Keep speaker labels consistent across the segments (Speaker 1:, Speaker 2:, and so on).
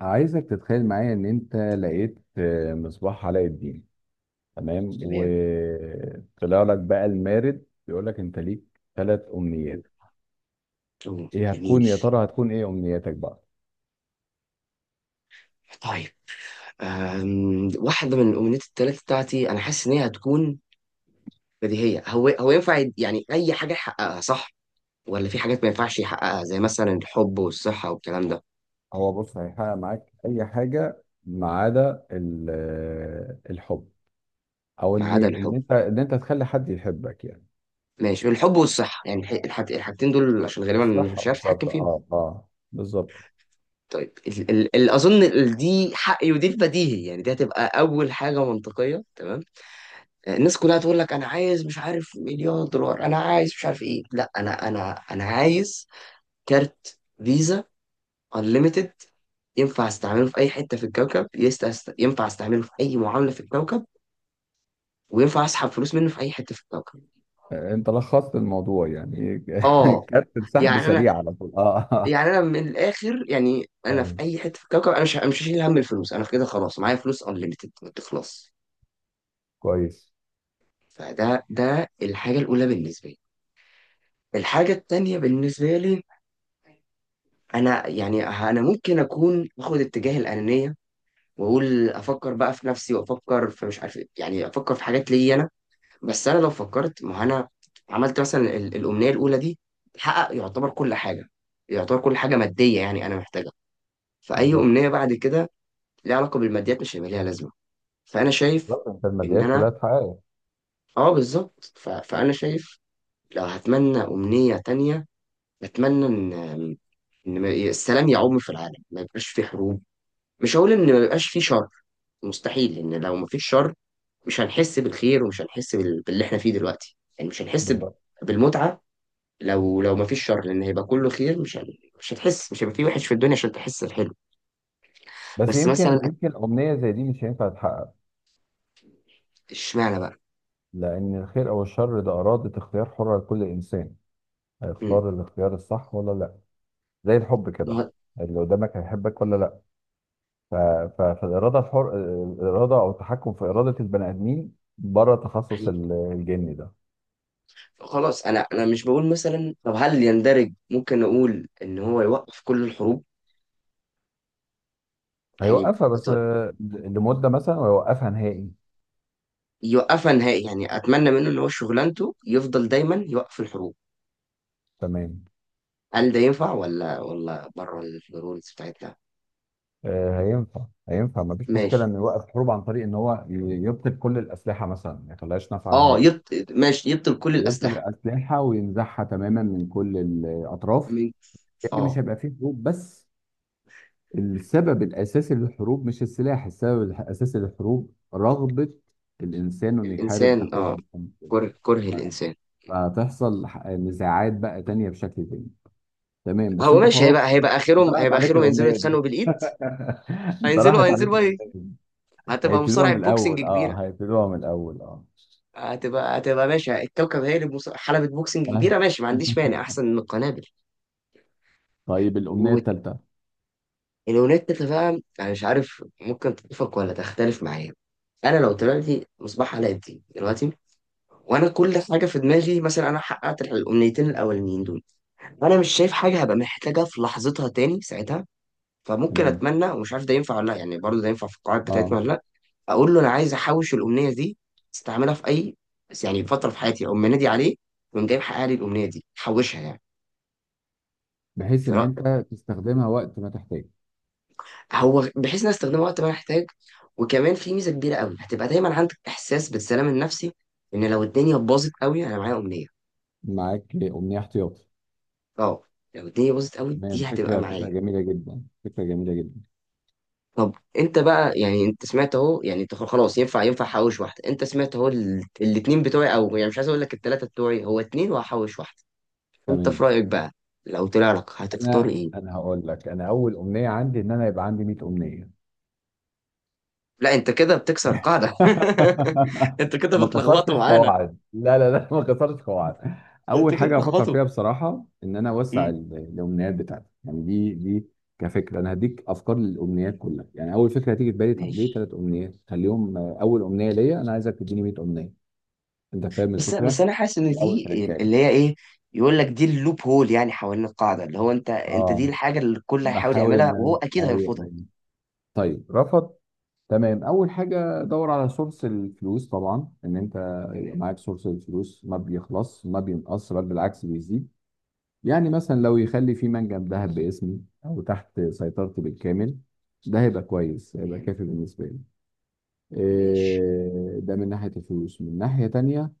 Speaker 1: عايزك تتخيل معايا ان انت لقيت مصباح علاء الدين. تمام،
Speaker 2: تمام.
Speaker 1: وطلع لك بقى المارد بيقول لك انت ليك ثلاث امنيات.
Speaker 2: أوه،
Speaker 1: ايه
Speaker 2: جميل.
Speaker 1: هتكون، يا ترى هتكون ايه امنياتك بقى؟
Speaker 2: طيب. واحدة من الأمنيات التلاتة بتاعتي أنا حاسس إن هي هتكون بديهية. هو هو ينفع يعني أي حاجة يحققها صح؟ ولا في حاجات ما ينفعش يحققها زي مثلا الحب والصحة والكلام ده.
Speaker 1: هو بص، هيحقق معاك اي حاجه ما عدا الحب، او
Speaker 2: ما
Speaker 1: ان
Speaker 2: عدا
Speaker 1: ان
Speaker 2: الحب.
Speaker 1: انت ان انت تخلي حد يحبك يعني.
Speaker 2: ماشي، الحب والصحة، يعني الحاجتين دول عشان غالبا
Speaker 1: بص، صح،
Speaker 2: مش عارف أتحكم
Speaker 1: بالظبط،
Speaker 2: فيهم.
Speaker 1: بالظبط.
Speaker 2: طيب، ال ال ال أظن دي حقي ودي البديهي، يعني دي هتبقى أول حاجة منطقية. تمام، الناس كلها تقول لك انا عايز مش عارف مليار دولار، انا عايز مش عارف ايه. لا، انا عايز كارت فيزا انليميتد ينفع استعمله في اي حته في الكوكب ينفع استعمله في اي معامله في الكوكب، وينفع اسحب فلوس منه في اي حته في الكوكب.
Speaker 1: انت لخصت الموضوع يعني.
Speaker 2: اه.
Speaker 1: كانت سحب
Speaker 2: يعني انا.
Speaker 1: سريع على طول.
Speaker 2: يعني انا من الاخر، يعني انا في
Speaker 1: ايوه،
Speaker 2: اي حته في الكوكب انا مش هشيل هم الفلوس، انا في كده خلاص معايا فلوس انليميتد ما تخلص.
Speaker 1: كويس.
Speaker 2: فده الحاجه الاولى بالنسبه لي. الحاجه التانيه بالنسبه لي، انا يعني انا ممكن اكون اخد اتجاه الانانيه واقول افكر بقى في نفسي وافكر في مش عارف إيه، يعني افكر في حاجات ليا انا. بس انا لو فكرت ما هو انا عملت مثلا الامنيه الاولى دي، تحقق يعتبر كل حاجه، يعتبر كل حاجه ماديه يعني انا محتاجها. فاي
Speaker 1: بالظبط،
Speaker 2: امنيه بعد كده ليها علاقه بالماديات مش هيبقى ليها لازمه. فانا شايف
Speaker 1: بالظبط، انت
Speaker 2: ان
Speaker 1: الماديات
Speaker 2: انا،
Speaker 1: كلها اتحققت.
Speaker 2: اه بالظبط. فانا شايف لو هتمنى امنيه تانية، اتمنى ان إن السلام يعم في العالم، ما يبقاش في حروب. مش هقول ان ما بيبقاش فيه شر، مستحيل، لان لو ما فيش شر مش هنحس بالخير ومش هنحس باللي احنا فيه دلوقتي، يعني مش هنحس
Speaker 1: بالظبط.
Speaker 2: بالمتعه. لو ما فيش شر، لان هيبقى كله خير، مش هتحس، مش هيبقى فيه وحش في الدنيا عشان تحس الحلو.
Speaker 1: بس
Speaker 2: بس
Speaker 1: يمكن
Speaker 2: مثلا
Speaker 1: يمكن امنيه زي دي مش هينفع تتحقق،
Speaker 2: اشمعنى بقى.
Speaker 1: لان الخير او الشر ده اراده اختيار حره لكل انسان.
Speaker 2: امم
Speaker 1: هيختار الاختيار الصح ولا لا؟ زي الحب كده،
Speaker 2: ما-
Speaker 1: اللي قدامك هيحبك ولا لا. ف... فالاراده الحر، الاراده او التحكم في اراده البني ادمين بره تخصص
Speaker 2: حقيقي.
Speaker 1: الجني ده.
Speaker 2: خلاص، انا مش بقول مثلا، طب هل يندرج ممكن نقول ان هو يوقف كل الحروب يعني؟
Speaker 1: هيوقفها بس
Speaker 2: بط-
Speaker 1: لمده مثلا، ويوقفها نهائي.
Speaker 2: يوقفها نهائي، يعني اتمنى منه ان هو شغلانته يفضل دايما يوقف الحروب.
Speaker 1: تمام.
Speaker 2: هل ده ينفع ولا بره الرولز بتاعتنا؟
Speaker 1: هينفع، هينفع، مفيش مشكله
Speaker 2: ماشي.
Speaker 1: انه يوقف حروب عن طريق ان هو يبطل كل الاسلحه مثلا، ما يخليهاش نافعه
Speaker 2: اه،
Speaker 1: نهائي.
Speaker 2: ماشي يبطل كل
Speaker 1: يبطل
Speaker 2: الأسلحة.
Speaker 1: الاسلحه وينزعها تماما من كل الاطراف.
Speaker 2: من.
Speaker 1: يعني مش
Speaker 2: اه.
Speaker 1: هيبقى فيه حروب، بس السبب الاساسي للحروب مش السلاح، السبب الاساسي للحروب رغبه الانسان انه يحارب
Speaker 2: الإنسان،
Speaker 1: اخوه
Speaker 2: اه.
Speaker 1: المسلم.
Speaker 2: كره كره الإنسان.
Speaker 1: فتحصل نزاعات بقى تانية بشكل تاني. تمام، بس
Speaker 2: هو
Speaker 1: انت
Speaker 2: ماشي،
Speaker 1: خلاص،
Speaker 2: هيبقى
Speaker 1: انت
Speaker 2: آخرهم،
Speaker 1: راحت
Speaker 2: هيبقى
Speaker 1: عليك
Speaker 2: آخرهم ينزلوا
Speaker 1: الامنيه
Speaker 2: يتخانقوا
Speaker 1: دي.
Speaker 2: بالإيد.
Speaker 1: انت
Speaker 2: هينزلوا
Speaker 1: راحت عليك
Speaker 2: هينزلوا بقى إيه؟
Speaker 1: الامنيه.
Speaker 2: هتبقى
Speaker 1: هيبتدوها
Speaker 2: مصارعة
Speaker 1: من
Speaker 2: بوكسنج
Speaker 1: الأول،
Speaker 2: كبيرة.
Speaker 1: اه، هيبتدوها من الأول، اه.
Speaker 2: هتبقى ماشي، الكوكب هي اللي حلبة بوكسنج كبيرة.
Speaker 1: آه.
Speaker 2: ماشي، ما عنديش مانع، أحسن من القنابل.
Speaker 1: طيب، الأمنية التالتة.
Speaker 2: والأونيتا بقى، أنا مش عارف ممكن تتفق ولا تختلف معايا. أنا لو طلعت لي مصباح علاء الدين دلوقتي وانا كل حاجه في دماغي، مثلا انا حققت الامنيتين الاولانيين دول، انا مش شايف حاجه هبقى محتاجها في لحظتها تاني ساعتها. فممكن
Speaker 1: تمام.
Speaker 2: اتمنى ومش عارف ده ينفع ولا لا، يعني برضه ده ينفع في القواعد بتاعتنا
Speaker 1: اه
Speaker 2: ولا لا. اقول له انا عايز احوش الامنيه دي، استعملها في اي بس يعني فتره في حياتي، اقوم منادي عليه ويقوم جاي محقق لي الامنيه دي، حوشها يعني.
Speaker 1: بحيث إن
Speaker 2: فرا-
Speaker 1: أنت تستخدمها وقت ما تحتاج.
Speaker 2: هو بحيث ان أنا استخدمها وقت ما أنا احتاج. وكمان في ميزه كبيره قوي، هتبقى دايما عندك احساس بالسلام النفسي، ان لو الدنيا باظت قوي انا معايا امنيه.
Speaker 1: معاك أمنية احتياطي.
Speaker 2: اه، لو الدنيا باظت قوي
Speaker 1: تمام،
Speaker 2: دي هتبقى
Speaker 1: فكرة،
Speaker 2: معايا.
Speaker 1: فكرة جميلة جدا، فكرة جميلة جدا.
Speaker 2: طب انت بقى، يعني انت سمعت اهو، يعني انت خلاص ينفع احوش واحده، انت سمعت اهو الاتنين بتوعي، او يعني مش عايز اقول لك التلاته بتوعي، هو اتنين وهحوش واحده. انت في
Speaker 1: تمام.
Speaker 2: رايك بقى، لو طلع لك هتختار
Speaker 1: أنا
Speaker 2: ايه؟
Speaker 1: أنا هقول لك، أنا أول أمنية عندي إن أنا يبقى عندي 100 أمنية.
Speaker 2: لا، انت كده بتكسر قاعده. انت كده
Speaker 1: ما
Speaker 2: بتلخبطوا
Speaker 1: كسرتش
Speaker 2: معانا.
Speaker 1: قواعد، لا لا لا، ما كسرتش قواعد.
Speaker 2: انت
Speaker 1: اول
Speaker 2: كده
Speaker 1: حاجه افكر
Speaker 2: بتلخبطوا.
Speaker 1: فيها بصراحه ان انا اوسع
Speaker 2: امم،
Speaker 1: الامنيات بتاعتي، يعني دي كفكره. انا هديك افكار للامنيات كلها. يعني اول فكره هتيجي في بالي، طب ليه
Speaker 2: ماشي.
Speaker 1: ثلاث امنيات؟ خليهم اول امنيه ليا، انا عايزك تديني 100 امنيه. انت فاهم
Speaker 2: بس بس
Speaker 1: الفكره؟
Speaker 2: انا حاسس ان
Speaker 1: دي اول
Speaker 2: دي اللي
Speaker 1: تركايه.
Speaker 2: هي ايه، يقول لك دي اللوب هول، يعني حوالين القاعده، اللي هو انت دي
Speaker 1: اه،
Speaker 2: الحاجه اللي الكل هيحاول
Speaker 1: بحاول ان
Speaker 2: يعملها وهو اكيد
Speaker 1: ايوه،
Speaker 2: هيرفضها.
Speaker 1: أيوة. طيب، رفض. تمام، اول حاجه دور على سورس الفلوس طبعا، ان انت يبقى
Speaker 2: تمام.
Speaker 1: معاك سورس الفلوس ما بيخلص ما بينقص، بل بالعكس بيزيد. يعني مثلا لو يخلي في منجم ذهب باسمي او تحت سيطرتي بالكامل، ده هيبقى كويس، هيبقى
Speaker 2: تمام.
Speaker 1: كافي بالنسبه لي.
Speaker 2: ماشي.
Speaker 1: ده من ناحيه الفلوس. من ناحيه تانية،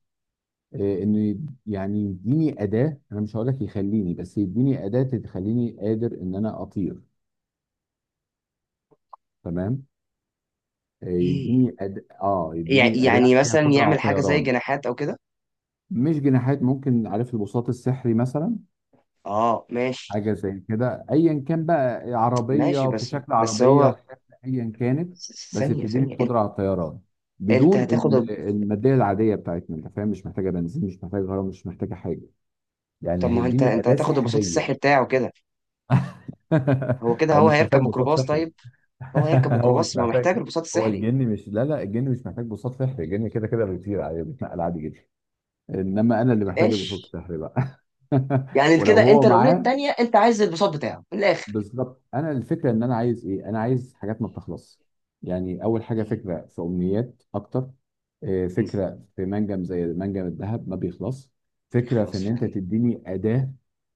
Speaker 1: ان يعني يديني اداه، انا مش هقول لك يخليني، بس يديني اداه تخليني قادر ان انا اطير. تمام. إيه،
Speaker 2: ايه؟
Speaker 1: يديني أد... اه يديني اداه
Speaker 2: يعني
Speaker 1: فيها
Speaker 2: مثلا
Speaker 1: قدره على
Speaker 2: يعمل حاجة زي
Speaker 1: الطيران.
Speaker 2: جناحات أو كده.
Speaker 1: مش جناحات، ممكن عارف البساط السحري مثلا،
Speaker 2: اه ماشي.
Speaker 1: حاجه زي كده، ايا كان بقى،
Speaker 2: ماشي،
Speaker 1: عربيه في
Speaker 2: بس
Speaker 1: شكل
Speaker 2: بس
Speaker 1: عربيه
Speaker 2: هو
Speaker 1: وفي شكل ايا كانت، بس
Speaker 2: ثانية
Speaker 1: بتديني
Speaker 2: ثانية. انت
Speaker 1: القدره على الطيران
Speaker 2: انت
Speaker 1: بدون
Speaker 2: هتاخد
Speaker 1: الماديه العاديه بتاعتنا، انت فاهم؟ مش محتاجه بنزين، مش محتاجه غرام، مش محتاجه حاجه،
Speaker 2: طب
Speaker 1: يعني
Speaker 2: ما هو انت،
Speaker 1: هيديني
Speaker 2: انت
Speaker 1: اداه
Speaker 2: هتاخد البساط
Speaker 1: سحريه.
Speaker 2: السحري بتاعه كده. هو كده،
Speaker 1: هو
Speaker 2: هو
Speaker 1: مش
Speaker 2: هيركب
Speaker 1: محتاج بساط
Speaker 2: ميكروباص
Speaker 1: سحري.
Speaker 2: طيب. هو هيركب
Speaker 1: هو
Speaker 2: ميكروباص،
Speaker 1: مش
Speaker 2: ما هو محتاج
Speaker 1: محتاج.
Speaker 2: البساط
Speaker 1: هو
Speaker 2: السحري.
Speaker 1: الجن مش لا لا، الجن مش محتاج بساط سحري، الجن كده كده بيطير عادي، بيتنقل عادي جدا. انما انا اللي محتاج القسط
Speaker 2: ماشي،
Speaker 1: الشهري بقى.
Speaker 2: يعني
Speaker 1: ولو
Speaker 2: كده انت
Speaker 1: هو
Speaker 2: الأمنية
Speaker 1: معاه،
Speaker 2: التانية انت عايز البساط بتاعه من الآخر.
Speaker 1: بالظبط. انا الفكره ان انا عايز ايه؟ انا عايز حاجات ما بتخلص. يعني اول حاجه،
Speaker 2: م-
Speaker 1: فكره في امنيات اكتر.
Speaker 2: م-
Speaker 1: فكره في منجم زي منجم الذهب ما بيخلص. فكره في
Speaker 2: خلاص
Speaker 1: ان انت
Speaker 2: فعلا
Speaker 1: تديني اداه،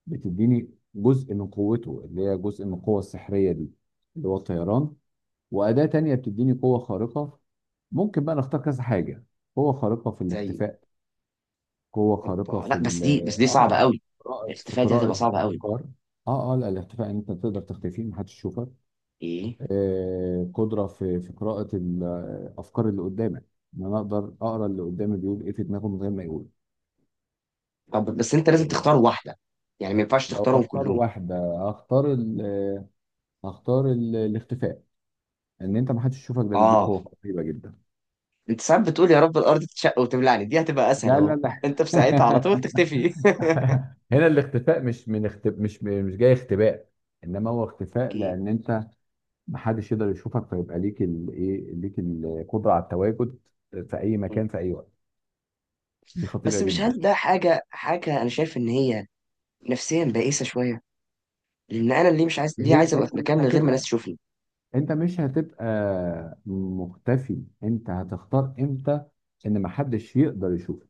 Speaker 1: بتديني جزء من قوته اللي هي جزء من القوه السحريه دي، اللي هو الطيران. واداه تانية بتديني قوه خارقه. ممكن بقى نختار كذا حاجه. قوه خارقه في
Speaker 2: زي.
Speaker 1: الاختفاء، قوة خارقة
Speaker 2: اوبا،
Speaker 1: في
Speaker 2: لا بس
Speaker 1: ال
Speaker 2: دي بس دي صعبة
Speaker 1: اه
Speaker 2: قوي.
Speaker 1: قراءة في
Speaker 2: الاتفاقية دي
Speaker 1: قراءة
Speaker 2: هتبقى صعبة قوي.
Speaker 1: الأفكار. اه لا، الاختفاء ان انت تقدر تختفي، محدش يشوفك.
Speaker 2: ايه.
Speaker 1: قدرة في قراءة الأفكار اللي قدامك، ان انا اقدر اقرا اللي قدامي بيقول ايه في دماغه من غير ما يقول.
Speaker 2: طب بس انت لازم تختار
Speaker 1: آه
Speaker 2: واحدة، يعني ما ينفعش
Speaker 1: لو
Speaker 2: تختارهم
Speaker 1: اختار
Speaker 2: كلهم.
Speaker 1: واحدة، هختار ال آه، هختار ال- الاختفاء. ان انت محدش يشوفك، ده بيديك
Speaker 2: اه،
Speaker 1: قوة رهيبة جدا.
Speaker 2: انت ساعات بتقول يا رب الارض تتشق وتبلعني، دي هتبقى اسهل
Speaker 1: لا
Speaker 2: اهو.
Speaker 1: لا لا.
Speaker 2: انت في ساعتها على طول تختفي.
Speaker 1: هنا الاختفاء مش جاي اختباء، انما هو اختفاء
Speaker 2: اوكي.
Speaker 1: لان انت محدش يقدر يشوفك، فيبقى ليك الايه، ليك القدره على التواجد في اي مكان في اي وقت. دي خطيره
Speaker 2: بس مش
Speaker 1: جدا.
Speaker 2: هل ده حاجه حاجه انا شايف ان هي نفسيا بائسه شويه، لان انا اللي مش عايز ليه،
Speaker 1: هي
Speaker 2: عايز ابقى
Speaker 1: انت
Speaker 2: في مكان
Speaker 1: مش
Speaker 2: من غير ما ناس
Speaker 1: هتبقى،
Speaker 2: تشوفني.
Speaker 1: انت مش هتبقى مختفي، انت هتختار امتى ان محدش يقدر يشوفك.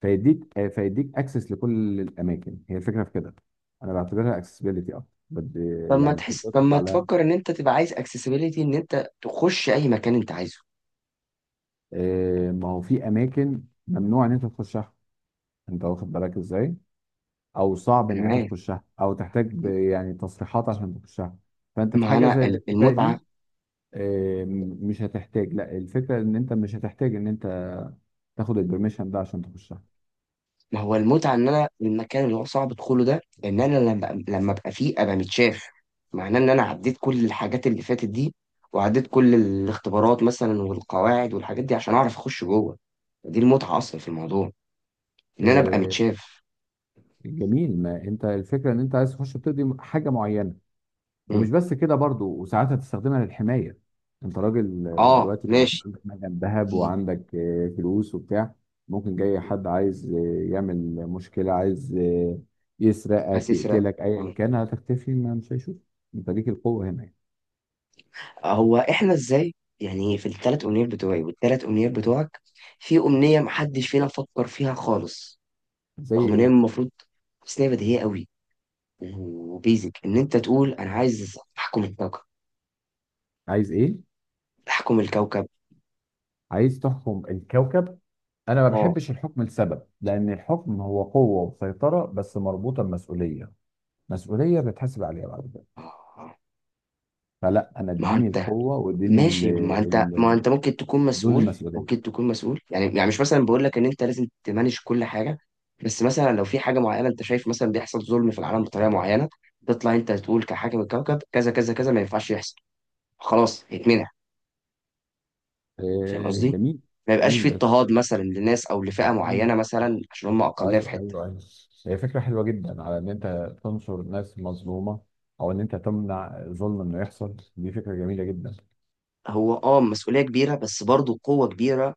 Speaker 1: فيديك اكسس لكل الاماكن، هي الفكره في كده. انا بعتبرها اكسسبيليتي اكتر
Speaker 2: طب ما
Speaker 1: يعني
Speaker 2: تحس، طب
Speaker 1: قدرتك
Speaker 2: ما
Speaker 1: على،
Speaker 2: تفكر ان انت تبقى عايز اكسسبيليتي، ان انت تخش اي مكان انت عايزه.
Speaker 1: ما هو في اماكن ممنوع ان انت تخشها، انت واخد بالك ازاي، او صعب
Speaker 2: انا
Speaker 1: ان انت
Speaker 2: معاك.
Speaker 1: تخشها، او تحتاج يعني تصريحات عشان تخشها. فانت في
Speaker 2: ما
Speaker 1: حاجه زي
Speaker 2: انا
Speaker 1: الاختفاء دي
Speaker 2: المتعه.
Speaker 1: مش هتحتاج، لا، الفكره ان انت مش هتحتاج ان انت تاخد البرميشن ده عشان تخشها.
Speaker 2: ما هو المتعة إن أنا المكان اللي هو صعب أدخله ده، إن أنا لما أبقى فيه أبقى متشاف، معناه إن أنا عديت كل الحاجات اللي فاتت دي وعديت كل الاختبارات مثلا والقواعد والحاجات دي عشان أعرف أخش جوه. دي المتعة أصلا في الموضوع، إن أنا أبقى
Speaker 1: آه،
Speaker 2: متشاف.
Speaker 1: جميل، ما انت الفكره ان انت عايز تخش بتقضي حاجه معينه،
Speaker 2: مم.
Speaker 1: ومش بس كده برضو، وساعات هتستخدمها للحماية. انت راجل
Speaker 2: آه
Speaker 1: دلوقتي بقى، يبقى
Speaker 2: ماشي.
Speaker 1: عندك مجال ذهب،
Speaker 2: دي.
Speaker 1: وعندك فلوس وبتاع، ممكن جاي
Speaker 2: دي.
Speaker 1: حد عايز يعمل مشكلة، عايز
Speaker 2: عايز
Speaker 1: يسرقك،
Speaker 2: تسرق.
Speaker 1: يقتلك، ايا
Speaker 2: مم.
Speaker 1: كان، هتختفي ما مش هيشوف، انت ليك القوة هنا يعني.
Speaker 2: هو إحنا إزاي يعني، في الثلاث أمنيات بتوعي والثلاث أمنيات بتوعك، في أمنية محدش فينا فكر فيها خالص،
Speaker 1: زي
Speaker 2: رغم إن هي
Speaker 1: ايه؟
Speaker 2: المفروض، بس إن هي بديهية قوي، وبيزك ان انت تقول انا عايز احكم الكوكب.
Speaker 1: عايز ايه؟
Speaker 2: احكم الكوكب.
Speaker 1: عايز تحكم الكوكب. انا ما
Speaker 2: اه.
Speaker 1: بحبش الحكم لسبب، لان الحكم هو قوة وسيطرة بس مربوطة بمسؤولية، مسؤولية بتحاسب عليها بعد كده.
Speaker 2: آه.
Speaker 1: فلا، انا
Speaker 2: ما هو
Speaker 1: اديني
Speaker 2: انت،
Speaker 1: القوة واديني
Speaker 2: ماشي، ما انت
Speaker 1: ال-
Speaker 2: ممكن تكون
Speaker 1: بدون
Speaker 2: مسؤول،
Speaker 1: المسؤوليه.
Speaker 2: ممكن تكون مسؤول، يعني مش مثلا بقول لك ان انت لازم تمانج كل حاجه. بس مثلا لو في حاجه معينه انت شايف مثلا بيحصل ظلم في العالم بطريقه معينه، تطلع انت تقول كحاكم الكوكب كذا كذا كذا، ما ينفعش يحصل، خلاص يتمنع. فاهم قصدي؟
Speaker 1: جميل،
Speaker 2: ما يبقاش
Speaker 1: جميل،
Speaker 2: في
Speaker 1: بس
Speaker 2: اضطهاد مثلا لناس او لفئه معينه
Speaker 1: مفهوم.
Speaker 2: مثلا عشان هم اقليه في
Speaker 1: ايوه،
Speaker 2: حته.
Speaker 1: ايوه، ايوه، هي فكره حلوه جدا على ان انت تنصر ناس مظلومه، او ان انت تمنع ظلم انه يحصل، دي فكره جميله جدا.
Speaker 2: هو اه، مسؤولية كبيرة بس برضه قوة كبيرة،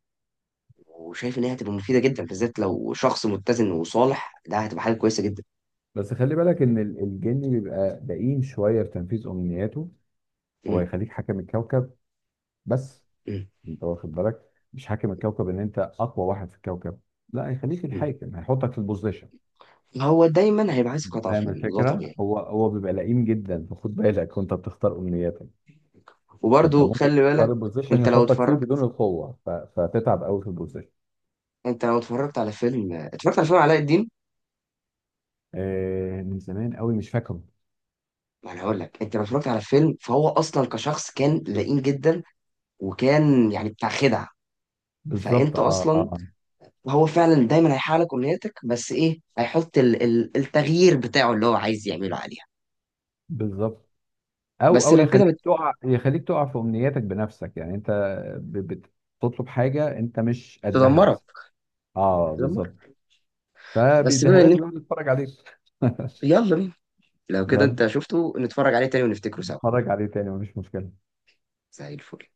Speaker 2: وشايف ان هي هتبقى مفيدة جدا، بالذات لو شخص متزن وصالح ده هتبقى حاجة كويسة جدا.
Speaker 1: بس خلي بالك ان الجن بيبقى دقيق شويه في تنفيذ امنياته. هو
Speaker 2: م-
Speaker 1: يخليك حاكم الكوكب بس،
Speaker 2: م-
Speaker 1: انت واخد بالك؟ مش حاكم الكوكب ان انت اقوى واحد في الكوكب، لا، هيخليك
Speaker 2: م.
Speaker 1: الحاكم، هيحطك في البوزيشن.
Speaker 2: هو دايما هيبقى عايز قطع
Speaker 1: فاهم
Speaker 2: فيلم، ده
Speaker 1: الفكره؟
Speaker 2: طبيعي.
Speaker 1: هو بيبقى لئيم جدا، فخد بالك وانت بتختار امنياتك. فانت
Speaker 2: وبرضه
Speaker 1: ممكن
Speaker 2: خلي
Speaker 1: تختار
Speaker 2: بالك،
Speaker 1: البوزيشن
Speaker 2: انت لو
Speaker 1: يحطك فيه بدون
Speaker 2: اتفرجت،
Speaker 1: القوه، فتتعب قوي في البوزيشن.
Speaker 2: انت لو اتفرجت على فيلم اتفرجت على فيلم علاء الدين.
Speaker 1: آه، من زمان قوي، مش فاكره.
Speaker 2: ما انا هقول لك انت لو اتفرجت على فيلم، فهو اصلا كشخص كان لئيم جدا وكان يعني بتاع خدع.
Speaker 1: بالظبط،
Speaker 2: فانت اصلا، هو فعلا دايما هيحقق لك امنياتك، بس ايه، هيحط التغيير بتاعه اللي هو عايز يعمله عليه.
Speaker 1: بالظبط. او
Speaker 2: بس
Speaker 1: او
Speaker 2: لو كده
Speaker 1: يخليك
Speaker 2: بتدمرك.
Speaker 1: تقع، يخليك تقع في امنياتك بنفسك، يعني انت ب- بتطلب حاجه انت مش قدها
Speaker 2: تدمرك.
Speaker 1: مثلا. اه، بالظبط.
Speaker 2: تدمرك. بس
Speaker 1: فبيديها
Speaker 2: بما ان
Speaker 1: لك
Speaker 2: انت،
Speaker 1: ويقعد يتفرج عليك.
Speaker 2: يلا بينا، لو كده
Speaker 1: يلا،
Speaker 2: انت شفته نتفرج عليه تاني ونفتكره سوا.
Speaker 1: اتفرج عليه تاني، مفيش مشكله.
Speaker 2: زي الفل.